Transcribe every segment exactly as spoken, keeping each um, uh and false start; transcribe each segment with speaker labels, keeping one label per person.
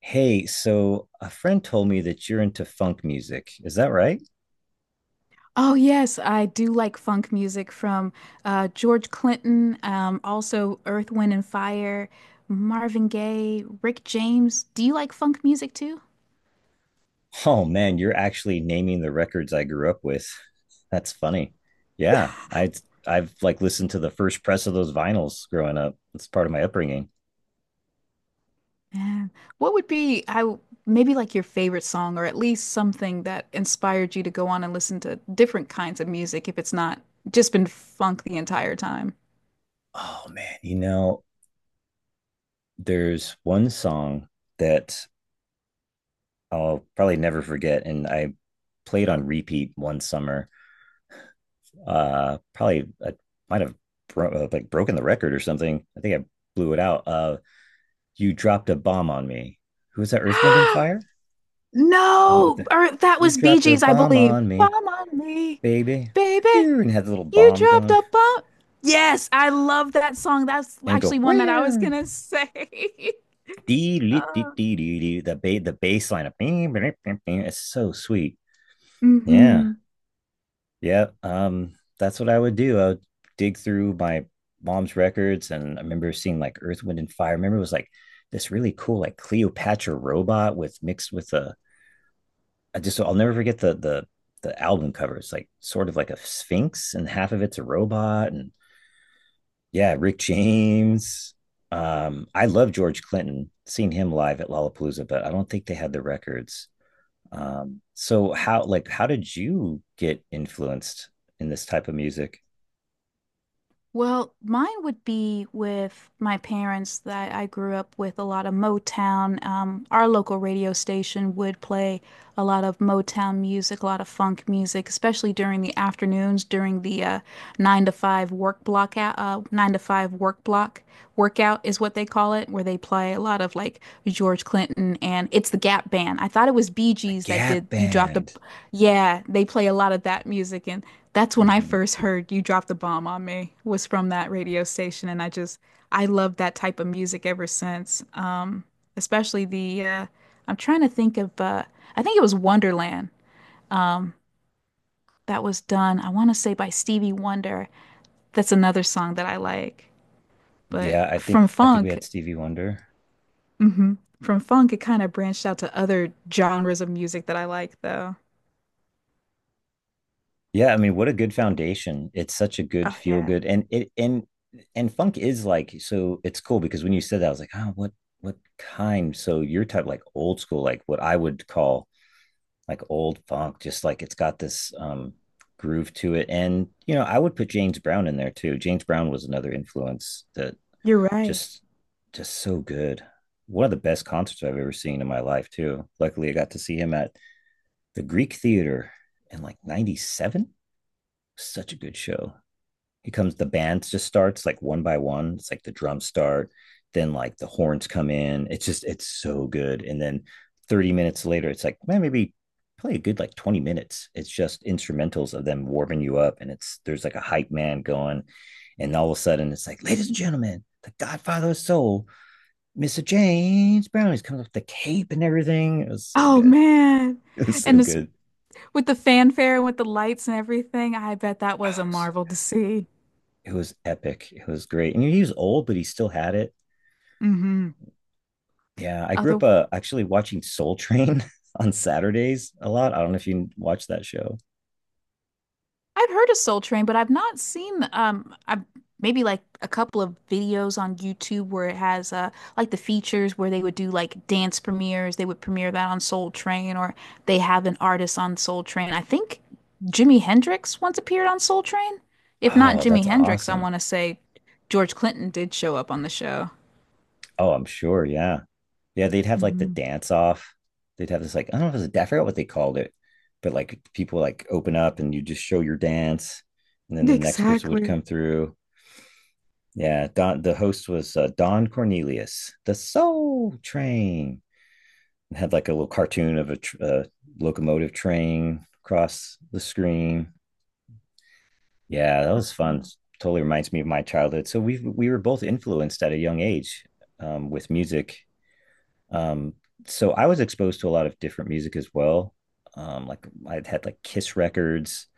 Speaker 1: Hey, so a friend told me that you're into funk music. Is that right?
Speaker 2: Oh yes, I do like funk music from uh, George Clinton, um, also Earth, Wind and Fire, Marvin Gaye, Rick James. Do you like funk music too?
Speaker 1: Oh man, you're actually naming the records I grew up with. That's funny. Yeah, I I've like listened to the first press of those vinyls growing up. It's part of my upbringing.
Speaker 2: Yeah. What would be I w- maybe like your favorite song or at least something that inspired you to go on and listen to different kinds of music if it's not just been funk the entire time?
Speaker 1: Oh man, you know, there's one song that I'll probably never forget, and I played on repeat one summer. Uh, probably I might have bro- uh, like broken the record or something. I think I blew it out. Uh, you dropped a bomb on me. Who was that? Earth, Wind, and Fire? And with
Speaker 2: No,
Speaker 1: the,
Speaker 2: or that
Speaker 1: you
Speaker 2: was Bee
Speaker 1: dropped a
Speaker 2: Gees, I
Speaker 1: bomb
Speaker 2: believe.
Speaker 1: on
Speaker 2: Bomb
Speaker 1: me,
Speaker 2: on me,
Speaker 1: baby.
Speaker 2: baby.
Speaker 1: And had the little
Speaker 2: You
Speaker 1: bomb
Speaker 2: dropped
Speaker 1: going
Speaker 2: a bomb. Yes, I love that song. That's
Speaker 1: and go
Speaker 2: actually one that I was
Speaker 1: where
Speaker 2: gonna say.
Speaker 1: dee dee
Speaker 2: Uh,
Speaker 1: dee dee dee the ba- the bass line of it's so sweet. Yeah.
Speaker 2: mhm.
Speaker 1: Yeah. Um, that's what I would do. I would dig through my mom's records and I remember seeing like Earth, Wind, and Fire. I remember it was like this really cool like Cleopatra robot with mixed with a I just I'll never forget the the the album cover. It's like sort of like a sphinx, and half of it's a robot. And yeah, Rick James. Um, I love George Clinton. Seen him live at Lollapalooza, but I don't think they had the records. Um, so how like how did you get influenced in this type of music?
Speaker 2: Well, mine would be with my parents that I grew up with a lot of Motown. Um, our local radio station would play a lot of Motown music, a lot of funk music, especially during the afternoons, during the uh, nine to five work block out, uh, nine to five work block workout is what they call it, where they play a lot of like George Clinton and it's the Gap Band. I thought it was Bee
Speaker 1: The
Speaker 2: Gees that did
Speaker 1: Gap
Speaker 2: You Dropped a
Speaker 1: Band.
Speaker 2: yeah, they play a lot of that music, and that's when I
Speaker 1: Hmm.
Speaker 2: first heard You Dropped the Bomb on Me was from that radio station, and I just I love that type of music ever since. Um, especially the uh, I'm trying to think of uh, I think it was Wonderland. Um, that was done I want to say by Stevie Wonder. That's another song that I like. But
Speaker 1: Yeah, I think
Speaker 2: from
Speaker 1: I think we
Speaker 2: funk,
Speaker 1: had Stevie Wonder.
Speaker 2: mhm, from funk, it kind of branched out to other genres of music that I like, though.
Speaker 1: Yeah, I mean, what a good foundation. It's such a good
Speaker 2: Oh
Speaker 1: feel
Speaker 2: yeah,
Speaker 1: good and it and and funk is like so it's cool because when you said that I was like, "Oh, what what kind?" So your type like old school, like what I would call like old funk, just like it's got this um groove to it. And you know, I would put James Brown in there too. James Brown was another influence that
Speaker 2: you're right.
Speaker 1: just just so good. One of the best concerts I've ever seen in my life too. Luckily, I got to see him at the Greek Theater in like ninety-seven. Such a good show. It comes, the band just starts like one by one. It's like the drums start, then like the horns come in. It's just, it's so good. And then thirty minutes later, it's like, man, maybe play a good like twenty minutes. It's just instrumentals of them warming you up. And it's, there's like a hype man going. And all of a sudden, it's like, ladies and gentlemen, the Godfather of Soul, mister James Brown. He's coming up with the cape and everything. It was so
Speaker 2: Oh
Speaker 1: good.
Speaker 2: man.
Speaker 1: It was so
Speaker 2: And it's
Speaker 1: good.
Speaker 2: with the fanfare and with the lights and everything, I bet that was
Speaker 1: Oh,
Speaker 2: a
Speaker 1: so,
Speaker 2: marvel to see.
Speaker 1: it was epic. It was great. And he was old, but he still had it.
Speaker 2: Hmm.
Speaker 1: Yeah, I grew
Speaker 2: Other,
Speaker 1: up uh, actually watching Soul Train on Saturdays a lot. I don't know if you watch that show.
Speaker 2: I've heard of Soul Train, but I've not seen um I've maybe like a couple of videos on YouTube where it has uh like the features where they would do like dance premieres. They would premiere that on Soul Train or they have an artist on Soul Train. I think Jimi Hendrix once appeared on Soul Train. If not
Speaker 1: Oh, that's
Speaker 2: Jimi Hendrix, I
Speaker 1: awesome.
Speaker 2: want to say George Clinton did show up on the show.
Speaker 1: Oh, I'm sure. Yeah. Yeah, they'd have like the
Speaker 2: Hmm.
Speaker 1: dance off. They'd have this like I don't know if it was a da- I forgot what they called it, but like people like open up and you just show your dance, and then the next person would come through. Yeah, Don the host was uh, Don Cornelius, the Soul Train, and had like a little cartoon of a tr- uh, locomotive train across the screen. Yeah, that was fun. Totally reminds me of my childhood. So we we were both influenced at a young age um, with music. Um, so I was exposed to a lot of different music as well. Um, like I had like Kiss records.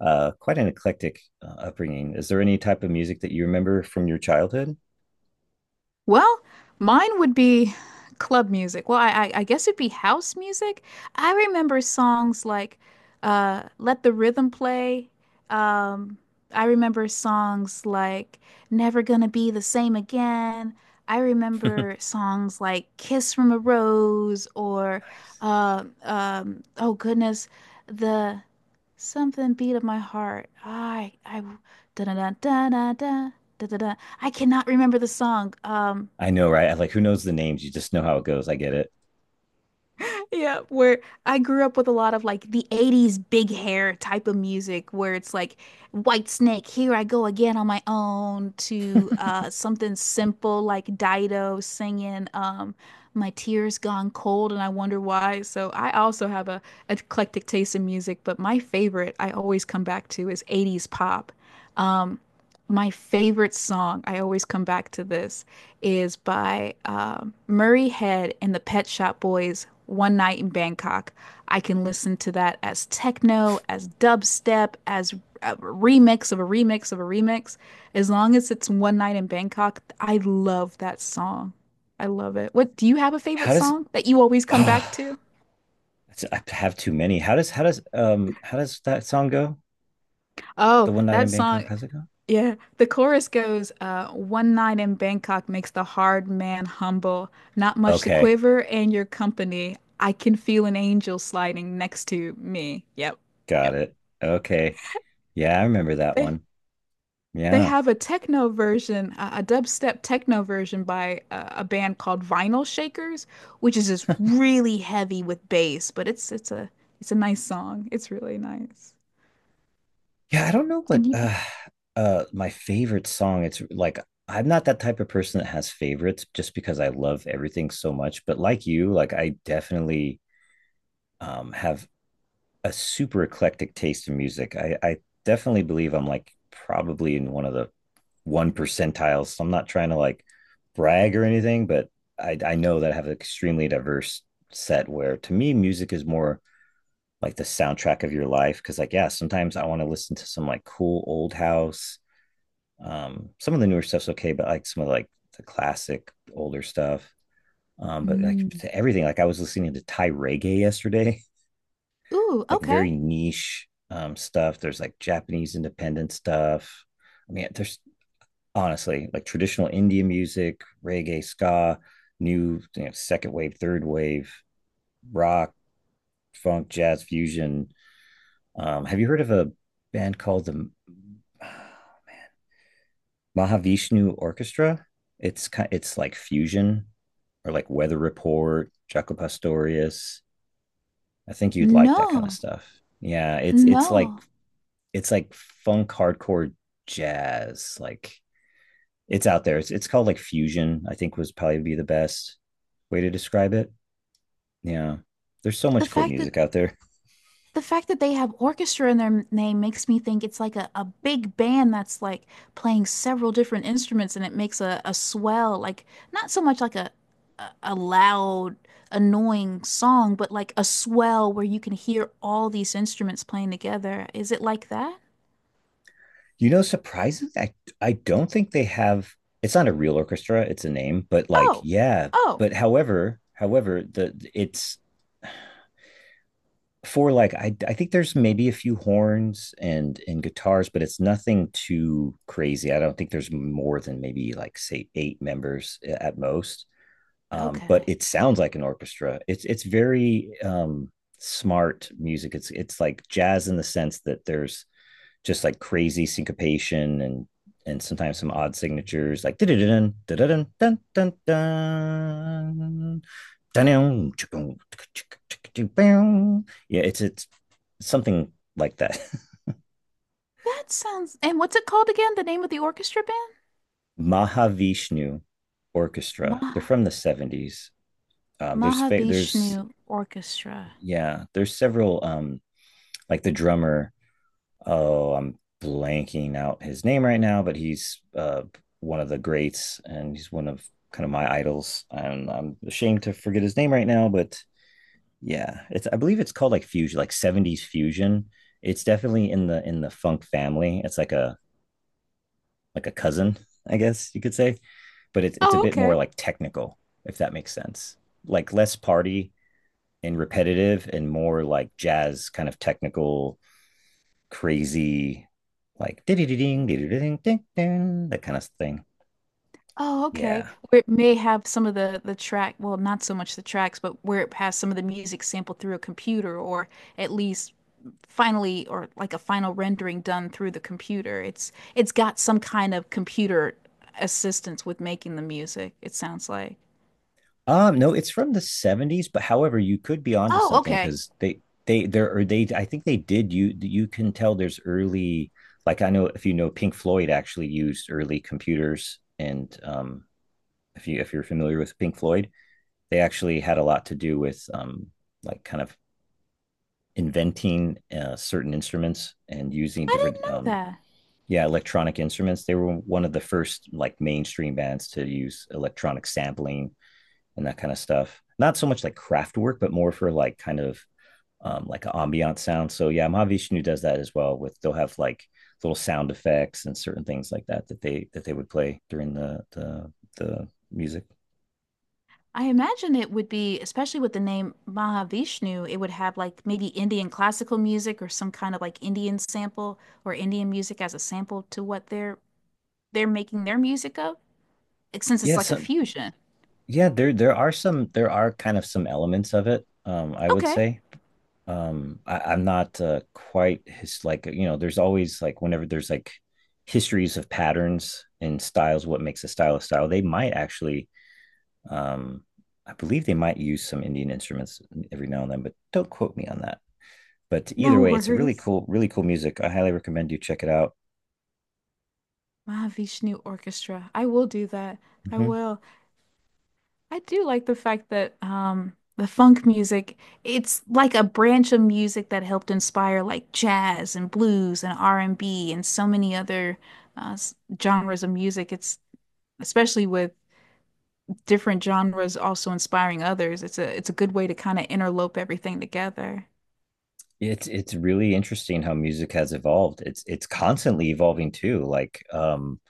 Speaker 1: Uh, quite an eclectic uh, upbringing. Is there any type of music that you remember from your childhood?
Speaker 2: Well, mine would be club music. Well, I, I, I guess it'd be house music. I remember songs like uh, Let the Rhythm Play. Um, I remember songs like Never Gonna Be the Same Again. I
Speaker 1: Nice.
Speaker 2: remember songs like Kiss from a Rose or uh, um, oh goodness, the something beat of my heart. I I Da da da da da da da da. I cannot remember the song. Um,
Speaker 1: I know, right? Like, who knows the names? You just know how it goes. I get it.
Speaker 2: yeah, where I grew up with a lot of like the eighties big hair type of music where it's like White Snake, Here I Go Again on My Own to uh something simple like Dido singing um My Tears Gone Cold and I Wonder Why. So I also have a eclectic taste in music, but my favorite I always come back to is eighties pop. Um, my favorite song, I always come back to this is by uh, Murray Head and the Pet Shop Boys, One Night in Bangkok. I can listen to that as techno, as dubstep, as a remix of a remix of a remix. As long as it's One Night in Bangkok, I love that song. I love it. What do you have a favorite
Speaker 1: How does?
Speaker 2: song that you always come
Speaker 1: Ah.
Speaker 2: back to?
Speaker 1: I have too many. How does how does um how does that song go? The
Speaker 2: Oh,
Speaker 1: one night in
Speaker 2: that
Speaker 1: Bangkok.
Speaker 2: song.
Speaker 1: How's it go?
Speaker 2: Yeah, the chorus goes, uh, one night in Bangkok makes the hard man humble. Not much to
Speaker 1: Okay,
Speaker 2: quiver in your company. I can feel an angel sliding next to me. Yep.
Speaker 1: got
Speaker 2: Yep.
Speaker 1: it. Okay, yeah, I remember that
Speaker 2: They
Speaker 1: one.
Speaker 2: they
Speaker 1: Yeah,
Speaker 2: have a techno version, uh, a dubstep techno version by uh, a band called Vinyl Shakers, which is just really heavy with bass, but it's it's a it's a nice song. It's really nice.
Speaker 1: yeah. I don't know what
Speaker 2: And you,
Speaker 1: uh uh my favorite song. It's like I'm not that type of person that has favorites just because I love everything so much. But like you, like I definitely um have a super eclectic taste in music. I, I definitely believe I'm like probably in one of the one percentiles. So I'm not trying to like brag or anything, but I, I know that I have an extremely diverse set where to me, music is more like the soundtrack of your life. Cause like, yeah, sometimes I want to listen to some like cool old house. Um, some of the newer stuff's okay, but like some of like the classic older stuff. Um, but like
Speaker 2: mm.
Speaker 1: to everything, like I was listening to Thai reggae yesterday.
Speaker 2: Ooh,
Speaker 1: Like
Speaker 2: okay.
Speaker 1: very niche um, stuff. There's like Japanese independent stuff. I mean, there's honestly like traditional Indian music, reggae, ska, new you know, second wave, third wave, rock, funk, jazz fusion. Um, have you heard of a band called the Mahavishnu Orchestra? It's kind, it's like fusion or like Weather Report, Jaco Pastorius. I think you'd like that kind of
Speaker 2: No,
Speaker 1: stuff. Yeah, it's it's like
Speaker 2: no.
Speaker 1: it's like funk hardcore jazz. Like it's out there. It's, it's called like fusion. I think was probably be the best way to describe it. Yeah, there's so
Speaker 2: The
Speaker 1: much cool
Speaker 2: fact that
Speaker 1: music out there.
Speaker 2: the fact that they have orchestra in their name makes me think it's like a, a big band that's like playing several different instruments and it makes a, a swell, like not so much like a, a a loud, annoying song, but like a swell where you can hear all these instruments playing together. Is it like that?
Speaker 1: You know, surprisingly, I I don't think they have. It's not a real orchestra. It's a name, but like,
Speaker 2: Oh,
Speaker 1: yeah.
Speaker 2: oh,
Speaker 1: But however, however, the it's for like I I think there's maybe a few horns and and guitars, but it's nothing too crazy. I don't think there's more than maybe like say eight members at most. Um, but
Speaker 2: okay.
Speaker 1: it sounds like an orchestra. It's it's very um, smart music. It's it's like jazz in the sense that there's just like crazy syncopation and and sometimes some odd signatures like da da da dun dun dun dun dun yeah, it's it's something like that.
Speaker 2: That sounds, and what's it called again? The name of the orchestra band?
Speaker 1: Mahavishnu Orchestra. They're
Speaker 2: Mah
Speaker 1: from the seventies. Um, there's fa- there's
Speaker 2: Mahavishnu Orchestra.
Speaker 1: yeah, there's several um like the drummer, oh, I'm blanking out his name right now, but he's uh one of the greats and he's one of kind of my idols. And I'm ashamed to forget his name right now, but yeah, it's I believe it's called like fusion, like seventies fusion. It's definitely in the in the funk family. It's like a like a cousin, I guess you could say. But it's it's a
Speaker 2: Oh,
Speaker 1: bit more
Speaker 2: okay.
Speaker 1: like technical, if that makes sense. Like less party and repetitive and more like jazz kind of technical, crazy, like ding ding ding ding ding that kind of thing.
Speaker 2: Oh, okay.
Speaker 1: Yeah.
Speaker 2: Where it may have some of the the track, well, not so much the tracks, but where it has some of the music sampled through a computer, or at least finally, or like a final rendering done through the computer. It's it's got some kind of computer assistance with making the music, it sounds like.
Speaker 1: Um, no, it's from the seventies, but however, you could be onto
Speaker 2: Oh,
Speaker 1: something
Speaker 2: okay.
Speaker 1: because they they there are they I think they did you you can tell there's early like I know if you know Pink Floyd actually used early computers and um if you if you're familiar with Pink Floyd, they actually had a lot to do with um, like kind of inventing uh, certain instruments and using
Speaker 2: I didn't
Speaker 1: different um,
Speaker 2: know that.
Speaker 1: yeah electronic instruments they were one of the first like mainstream bands to use electronic sampling and that kind of stuff not so much like craft work but more for like kind of um, like an ambient sound so yeah mahavishnu does that as well with they'll have like little sound effects and certain things like that that they that they would play during the the, the music
Speaker 2: I imagine it would be, especially with the name Mahavishnu, it would have like maybe Indian classical music or some kind of like Indian sample or Indian music as a sample to what they're they're making their music of? Like,
Speaker 1: Yes.
Speaker 2: since it's
Speaker 1: Yeah
Speaker 2: like a
Speaker 1: so
Speaker 2: fusion.
Speaker 1: yeah, there there are some there are kind of some elements of it, um, I would
Speaker 2: Okay.
Speaker 1: say. Um, I, I'm not uh, quite his like you know, there's always like whenever there's like histories of patterns and styles, what makes a style a style, they might actually um I believe they might use some Indian instruments every now and then, but don't quote me on that. But
Speaker 2: No
Speaker 1: either way, it's a really
Speaker 2: worries.
Speaker 1: cool, really cool music. I highly recommend you check it out.
Speaker 2: Mahavishnu Orchestra. I will do that. I
Speaker 1: Hmm.
Speaker 2: will. I do like the fact that um the funk music, it's like a branch of music that helped inspire like jazz and blues and R and B and B and so many other uh, s- genres of music. It's especially with different genres also inspiring others. It's a it's a good way to kind of interlope everything together.
Speaker 1: It's it's really interesting how music has evolved. It's it's constantly evolving too. Like um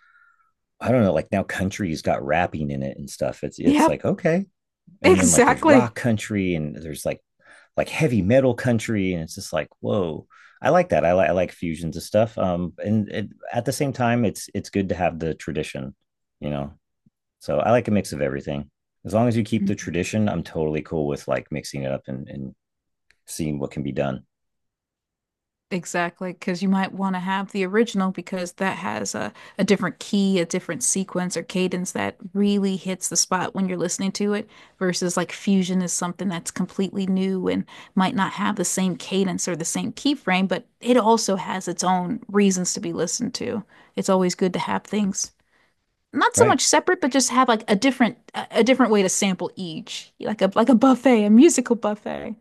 Speaker 1: I don't know, like now country's got rapping in it and stuff. It's it's
Speaker 2: Yep,
Speaker 1: like okay, and then like there's
Speaker 2: exactly.
Speaker 1: rock country and there's like like heavy metal country, and it's just like whoa. I like that. I like I like fusions of stuff. Um, and it, at the same time, it's it's good to have the tradition, you know. So I like a mix of everything. As long as you keep the tradition, I'm totally cool with like mixing it up and, and seeing what can be done.
Speaker 2: Exactly, because you might want to have the original because that has a, a different key, a different sequence or cadence that really hits the spot when you're listening to it, versus like fusion is something that's completely new and might not have the same cadence or the same keyframe, but it also has its own reasons to be listened to. It's always good to have things not so
Speaker 1: Right.
Speaker 2: much separate, but just have like a different a, a different way to sample each, like a like a buffet, a musical buffet.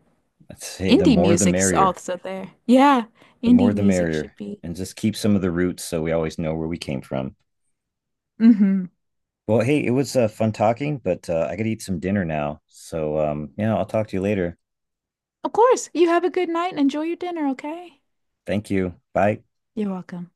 Speaker 1: I'd say the
Speaker 2: Indie
Speaker 1: more the
Speaker 2: music's
Speaker 1: merrier.
Speaker 2: also there. Yeah,
Speaker 1: The
Speaker 2: indie
Speaker 1: more the
Speaker 2: music should
Speaker 1: merrier.
Speaker 2: be.
Speaker 1: And just keep some of the roots so we always know where we came from.
Speaker 2: Hmm.
Speaker 1: Well, hey, it was uh, fun talking, but uh, I to eat some dinner now. So, um, yeah, I'll talk to you later.
Speaker 2: Of course. You have a good night and enjoy your dinner, okay?
Speaker 1: Thank you. Bye.
Speaker 2: You're welcome.